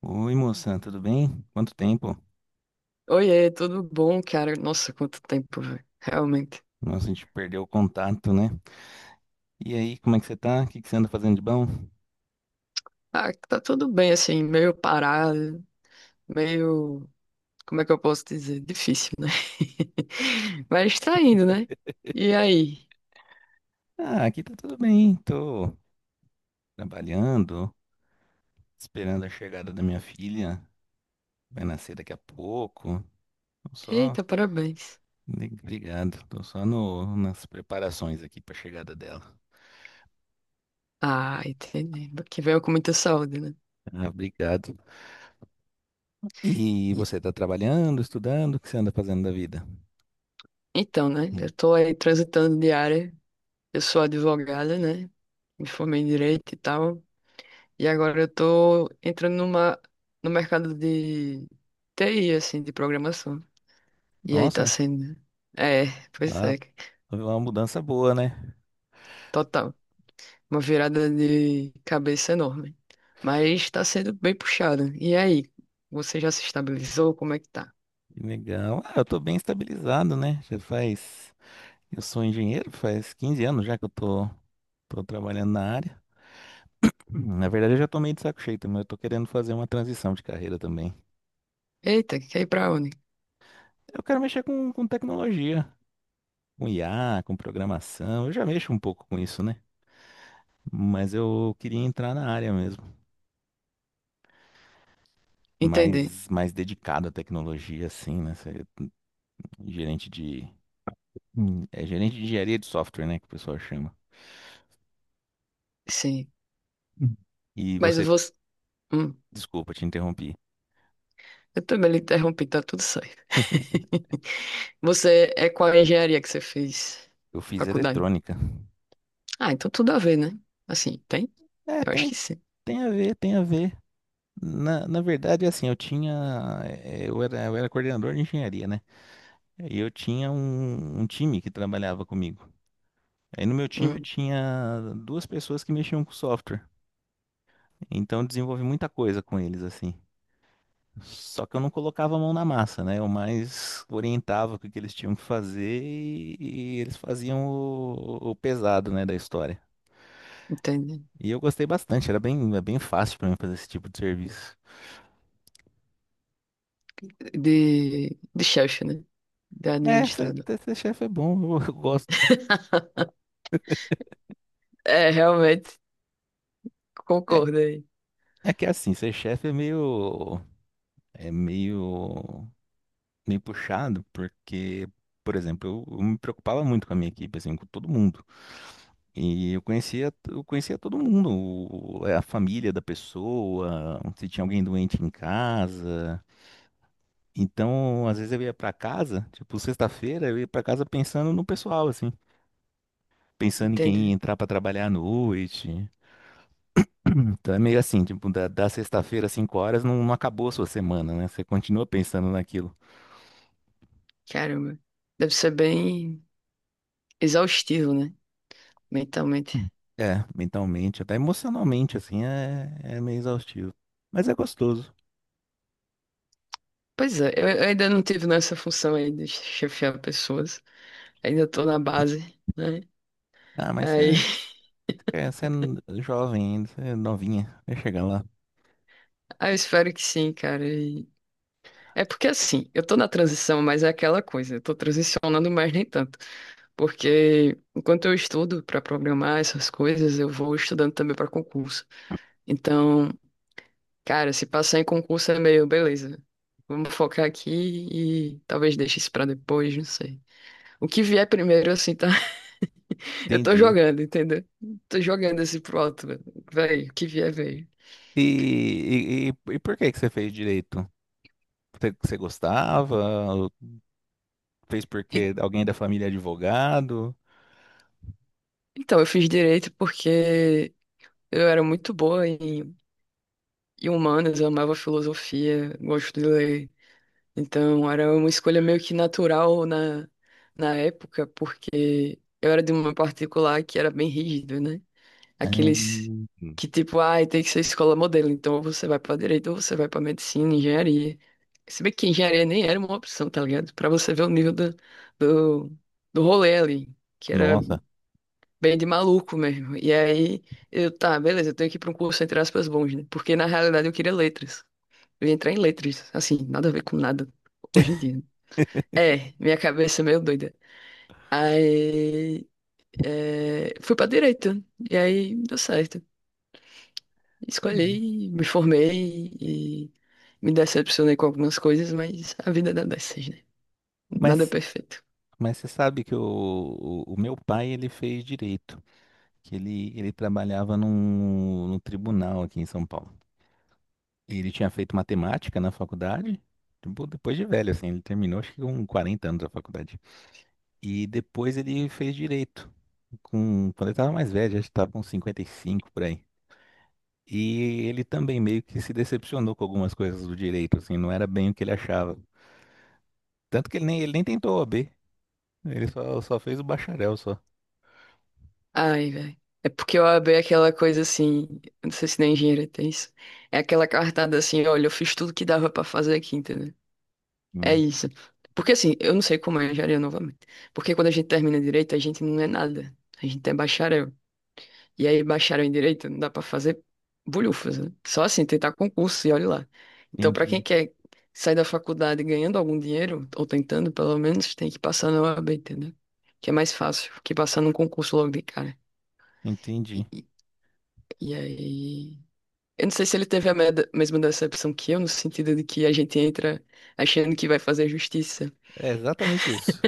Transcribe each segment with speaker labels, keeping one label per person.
Speaker 1: Oi, moça, tudo bem? Quanto tempo?
Speaker 2: Oiê, tudo bom, cara? Nossa, quanto tempo, velho. Realmente.
Speaker 1: Nossa, a gente perdeu o contato, né? E aí, como é que você tá? O que que você anda fazendo de bom?
Speaker 2: Ah, tá tudo bem, assim, meio parado, meio. Como é que eu posso dizer? Difícil, né? Mas tá indo, né? E aí?
Speaker 1: Ah, aqui tá tudo bem. Tô trabalhando, esperando a chegada da minha filha. Vai nascer daqui a pouco. Tô só.
Speaker 2: Eita, parabéns.
Speaker 1: Obrigado. Tô só no... nas preparações aqui pra chegada dela.
Speaker 2: Ah, entendi. Que venha com muita saúde, né?
Speaker 1: Ah, obrigado. E
Speaker 2: E-
Speaker 1: você tá trabalhando, estudando? O que você anda fazendo da vida?
Speaker 2: então, né?
Speaker 1: Hum.
Speaker 2: Eu tô aí transitando de área. Eu sou advogada, né? Me formei em direito e tal. E agora eu tô entrando no mercado de TI, assim, de programação. E aí tá
Speaker 1: Nossa,
Speaker 2: sendo. É, pois
Speaker 1: ah,
Speaker 2: é.
Speaker 1: foi uma mudança boa, né?
Speaker 2: Total. Uma virada de cabeça enorme. Mas tá sendo bem puxado. E aí? Você já se estabilizou? Como é que tá?
Speaker 1: Que legal. Ah, eu tô bem estabilizado, né? Já faz. Eu sou engenheiro, faz 15 anos já que tô trabalhando na área. Na verdade, eu já tô meio de saco cheio, mas eu tô querendo fazer uma transição de carreira também.
Speaker 2: Eita, quer ir pra onde?
Speaker 1: Eu quero mexer com tecnologia, com IA, com programação. Eu já mexo um pouco com isso, né? Mas eu queria entrar na área mesmo,
Speaker 2: Entendi.
Speaker 1: mais dedicado à tecnologia, assim, né? Ser gerente de. Hum. É gerente de engenharia de software, né? Que o pessoal chama.
Speaker 2: Sim.
Speaker 1: Hum. E
Speaker 2: Mas
Speaker 1: você,
Speaker 2: você. Hum,
Speaker 1: desculpa, te interrompi.
Speaker 2: eu também lhe interrompi, tá tudo certo. Você é qual a engenharia que você fez?
Speaker 1: Eu fiz
Speaker 2: Faculdade?
Speaker 1: eletrônica.
Speaker 2: Ah, então tudo a ver, né? Assim, tem?
Speaker 1: É,
Speaker 2: Eu acho
Speaker 1: tem,
Speaker 2: que sim.
Speaker 1: tem a ver, tem a ver. Na verdade, assim, eu tinha. Eu era coordenador de engenharia, né? E eu tinha um time que trabalhava comigo. Aí no meu time eu
Speaker 2: Hum,
Speaker 1: tinha duas pessoas que mexiam com software. Então eu desenvolvi muita coisa com eles, assim. Só que eu não colocava a mão na massa, né? Eu mais orientava o que que eles tinham que fazer e eles faziam o pesado, né, da história.
Speaker 2: entendi.
Speaker 1: E eu gostei bastante, era bem, é bem fácil para mim fazer esse tipo de serviço.
Speaker 2: De chefe, né? De
Speaker 1: É, ser,
Speaker 2: administrador.
Speaker 1: ser chefe é bom, eu, eu gosto.
Speaker 2: É, realmente,
Speaker 1: É,
Speaker 2: concordo aí.
Speaker 1: é que assim, ser chefe é é meio puxado, porque, por exemplo, eu me preocupava muito com a minha equipe, assim, com todo mundo. E eu conhecia todo mundo, é, a família da pessoa, se tinha alguém doente em casa. Então, às vezes eu ia pra casa, tipo, sexta-feira eu ia pra casa pensando no pessoal, assim, pensando em
Speaker 2: Entendo.
Speaker 1: quem ia entrar pra trabalhar à noite. Então é meio assim, tipo, da sexta-feira às 5 horas não, não acabou a sua semana, né? Você continua pensando naquilo.
Speaker 2: Caramba. Deve ser bem exaustivo, né? Mentalmente.
Speaker 1: Hum. É, mentalmente, até emocionalmente, assim, é, é meio exaustivo. Mas é gostoso.
Speaker 2: Pois é, eu ainda não tive nessa função aí de chefiar pessoas. Ainda tô na base, né?
Speaker 1: Ah, mas
Speaker 2: Aí,
Speaker 1: você é jovem ainda, você é novinha, vai chegar lá.
Speaker 2: aí eu espero que sim, cara. E é porque assim, eu tô na transição, mas é aquela coisa, eu tô transicionando, mas nem tanto. Porque enquanto eu estudo pra programar essas coisas, eu vou estudando também pra concurso. Então. Cara, se passar em concurso é meio, beleza. Vamos focar aqui e talvez deixe isso pra depois, não sei. O que vier primeiro, assim, tá? Eu tô
Speaker 1: Entendi.
Speaker 2: jogando, entendeu? Tô jogando esse pro alto, velho. O que vier, veio.
Speaker 1: E, e por que que você fez direito? Você, você gostava? Ou fez
Speaker 2: E-
Speaker 1: porque alguém da família é advogado?
Speaker 2: Então, eu fiz direito porque eu era muito boa em, em humanas, eu amava filosofia, gosto de ler. Então, era uma escolha meio que natural na época, porque eu era de uma particular que era bem rígida, né? Aqueles
Speaker 1: Ah,
Speaker 2: que, tipo, ai, tem que ser escola modelo, então ou você vai pra direito ou você vai pra medicina, engenharia. Se bem que engenharia nem era uma opção, tá ligado? Pra você ver o nível do, do rolê ali, que era
Speaker 1: nossa.
Speaker 2: bem de maluco mesmo. E aí, eu, tá, beleza, eu tenho que ir pra um curso, entre aspas, bons, né? Porque na realidade eu queria letras. Eu ia entrar em letras, assim, nada a ver com nada hoje em dia. É, minha cabeça é meio doida. Aí, é, fui pra direita, e aí deu certo.
Speaker 1: Uhum.
Speaker 2: Escolhi, me formei e me decepcionei com algumas coisas, mas a vida dá dessas, né? Nada é
Speaker 1: Mas,
Speaker 2: perfeito.
Speaker 1: mas você sabe que o meu pai ele fez direito, que ele trabalhava num tribunal aqui em São Paulo. E ele tinha feito matemática na faculdade, tipo, depois de velho, assim, ele terminou acho que com 40 anos a faculdade. E depois ele fez direito, com, quando ele tava mais velho, acho que tava com 55 por aí. E ele também meio que se decepcionou com algumas coisas do direito, assim, não era bem o que ele achava. Tanto que ele nem tentou o OAB, ele só, só fez o bacharel só.
Speaker 2: Ai, velho. É porque eu abri aquela coisa assim, eu não sei se na engenharia tem isso. É aquela cartada assim, olha, eu fiz tudo que dava pra fazer aqui, entendeu? É
Speaker 1: Hum,
Speaker 2: isso. Porque assim, eu não sei como é a engenharia novamente. Porque quando a gente termina direito, a gente não é nada. A gente é bacharel. E aí, bacharel em direito, não dá pra fazer bulhufas, né? Só assim, tentar concurso e olha lá. Então, pra quem
Speaker 1: entendi,
Speaker 2: quer sair da faculdade ganhando algum dinheiro, ou tentando pelo menos, tem que passar na OAB, entendeu? Que é mais fácil que passar num concurso logo de cara.
Speaker 1: entendi.
Speaker 2: E, e- e aí. Eu não sei se ele teve a mesma decepção que eu, no sentido de que a gente entra achando que vai fazer justiça.
Speaker 1: É exatamente isso.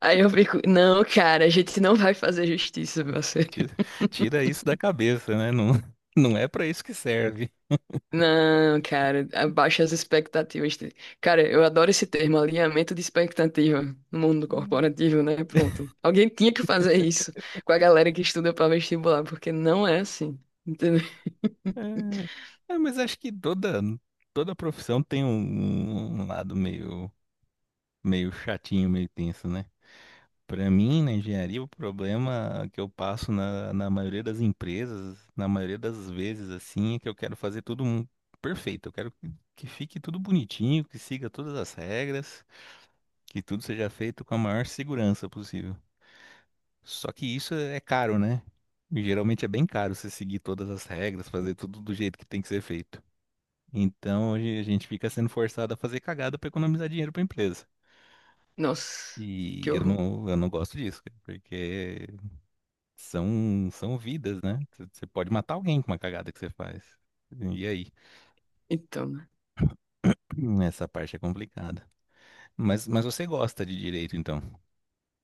Speaker 2: Aí eu fico, não, cara, a gente não vai fazer justiça, você.
Speaker 1: Tira, tira isso da cabeça, né? Não, não é pra isso que serve.
Speaker 2: Não, cara, abaixa as expectativas. Cara, eu adoro esse termo, alinhamento de expectativa no mundo corporativo, né? Pronto. Alguém tinha que fazer isso com a galera que estuda pra vestibular, porque não é assim, entendeu?
Speaker 1: É, é, mas acho que toda, toda profissão tem um, um lado meio, meio chatinho, meio tenso, né? Pra mim, na engenharia, o problema que eu passo na, na maioria das empresas, na maioria das vezes, assim, é que eu quero fazer tudo perfeito. Eu quero que fique tudo bonitinho, que siga todas as regras, que tudo seja feito com a maior segurança possível. Só que isso é caro, né? Geralmente é bem caro você seguir todas as regras, fazer tudo do jeito que tem que ser feito. Então a gente fica sendo forçado a fazer cagada para economizar dinheiro para a empresa.
Speaker 2: Nossa, que
Speaker 1: E
Speaker 2: horror.
Speaker 1: eu não gosto disso, cara, porque são, são vidas, né? Você pode matar alguém com uma cagada que você faz. E aí?
Speaker 2: Então, né?
Speaker 1: Essa parte é complicada. Mas você gosta de direito, então?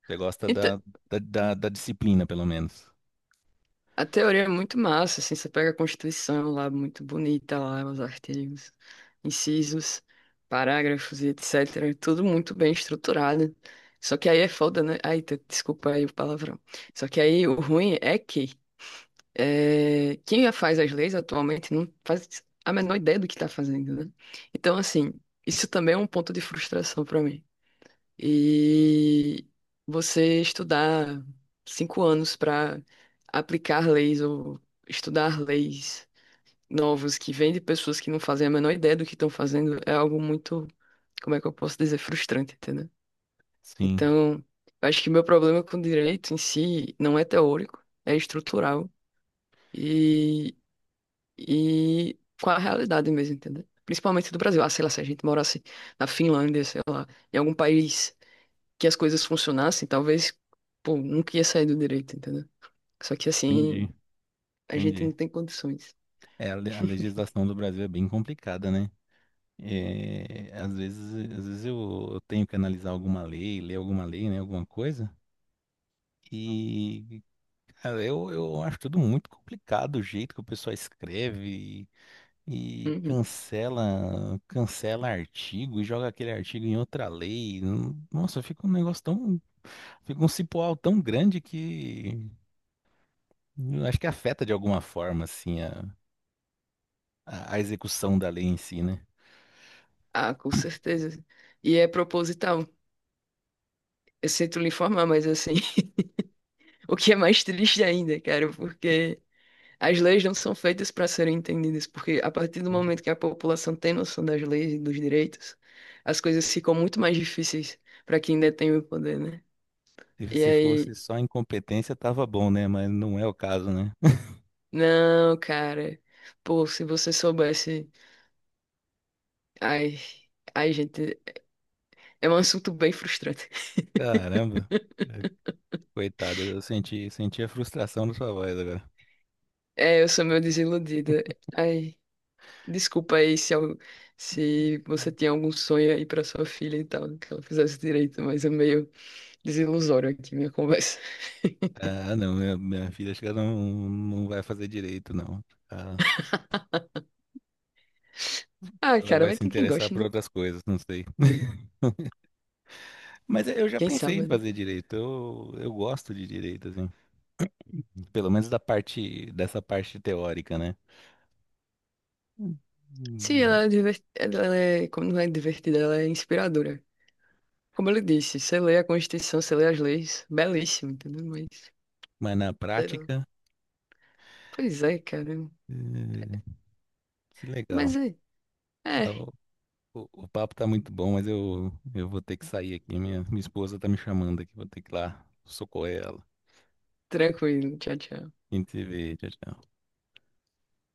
Speaker 1: Você gosta da disciplina, pelo menos?
Speaker 2: A teoria é muito massa, assim, você pega a Constituição lá, muito bonita lá, os artigos, incisos, parágrafos e etc. Tudo muito bem estruturado. Só que aí é foda, né? Ai, desculpa aí o palavrão. Só que aí o ruim é que é, quem já faz as leis atualmente não faz a menor ideia do que tá fazendo, né? Então, assim, isso também é um ponto de frustração pra mim e você estudar 5 anos para aplicar leis ou estudar leis novos que vêm de pessoas que não fazem a menor ideia do que estão fazendo é algo muito, como é que eu posso dizer, frustrante, entendeu?
Speaker 1: Sim,
Speaker 2: Então, eu acho que meu problema com o direito em si não é teórico, é estrutural e, e com a realidade mesmo, entendeu? Principalmente do Brasil. Ah, sei lá, se a gente morasse na Finlândia, sei lá, em algum país que as coisas funcionassem, talvez, pô, nunca ia sair do direito, entendeu? Só que
Speaker 1: entendi,
Speaker 2: assim, a gente
Speaker 1: entendi.
Speaker 2: não tem condições.
Speaker 1: É, a legislação do Brasil é bem complicada, né? É, às vezes eu tenho que analisar alguma lei, ler alguma lei, né, alguma coisa, e cara, eu acho tudo muito complicado o jeito que o pessoal escreve e, e
Speaker 2: Uhum.
Speaker 1: cancela, cancela artigo e joga aquele artigo em outra lei. Nossa, fica um negócio tão, fica um cipoal tão grande que eu acho que afeta de alguma forma assim a a execução da lei em si, né?
Speaker 2: Ah, com certeza. E é proposital. Eu sinto lhe informar, mas assim, o que é mais triste ainda, cara, porque as leis não são feitas para serem entendidas, porque a partir do momento que a população tem noção das leis e dos direitos, as coisas ficam muito mais difíceis para quem detém o poder, né?
Speaker 1: Se
Speaker 2: E
Speaker 1: se fosse
Speaker 2: aí,
Speaker 1: só incompetência, tava bom, né? Mas não é o caso, né?
Speaker 2: não, cara, pô, se você soubesse, ai, ai, gente, é um assunto bem frustrante.
Speaker 1: Caramba, é, coitada, eu senti, senti a frustração da sua voz agora.
Speaker 2: É, eu sou meio desiludida. Ai, desculpa aí se você tinha algum sonho aí pra sua filha e tal, que ela fizesse direito, mas é meio desilusório aqui minha conversa.
Speaker 1: Ah, não, minha filha acho que ela não, não vai fazer direito, não. Ah,
Speaker 2: Ah,
Speaker 1: ela
Speaker 2: cara,
Speaker 1: vai
Speaker 2: vai
Speaker 1: se
Speaker 2: ter quem
Speaker 1: interessar
Speaker 2: goste,
Speaker 1: por
Speaker 2: né?
Speaker 1: outras coisas, não sei. Mas eu já
Speaker 2: Quem
Speaker 1: pensei em
Speaker 2: sabe, né?
Speaker 1: fazer direito, eu gosto de direito, assim. Pelo menos da parte, dessa parte teórica, né?
Speaker 2: Sim,
Speaker 1: Hum.
Speaker 2: ela é, diver... ela é, como não é divertida, ela é inspiradora. Como eu lhe disse, você lê a Constituição, você lê as leis, belíssimo, entendeu? Mas,
Speaker 1: Mas na
Speaker 2: sei lá.
Speaker 1: prática,
Speaker 2: Pois é, cara.
Speaker 1: eh, que
Speaker 2: Mas
Speaker 1: legal.
Speaker 2: é, é,
Speaker 1: O papo tá muito bom, mas eu vou ter que sair aqui. Minha esposa tá me chamando aqui, vou ter que ir lá socorrer ela.
Speaker 2: tranquilo, tchau, tchau.
Speaker 1: A gente se vê, tchau, tchau.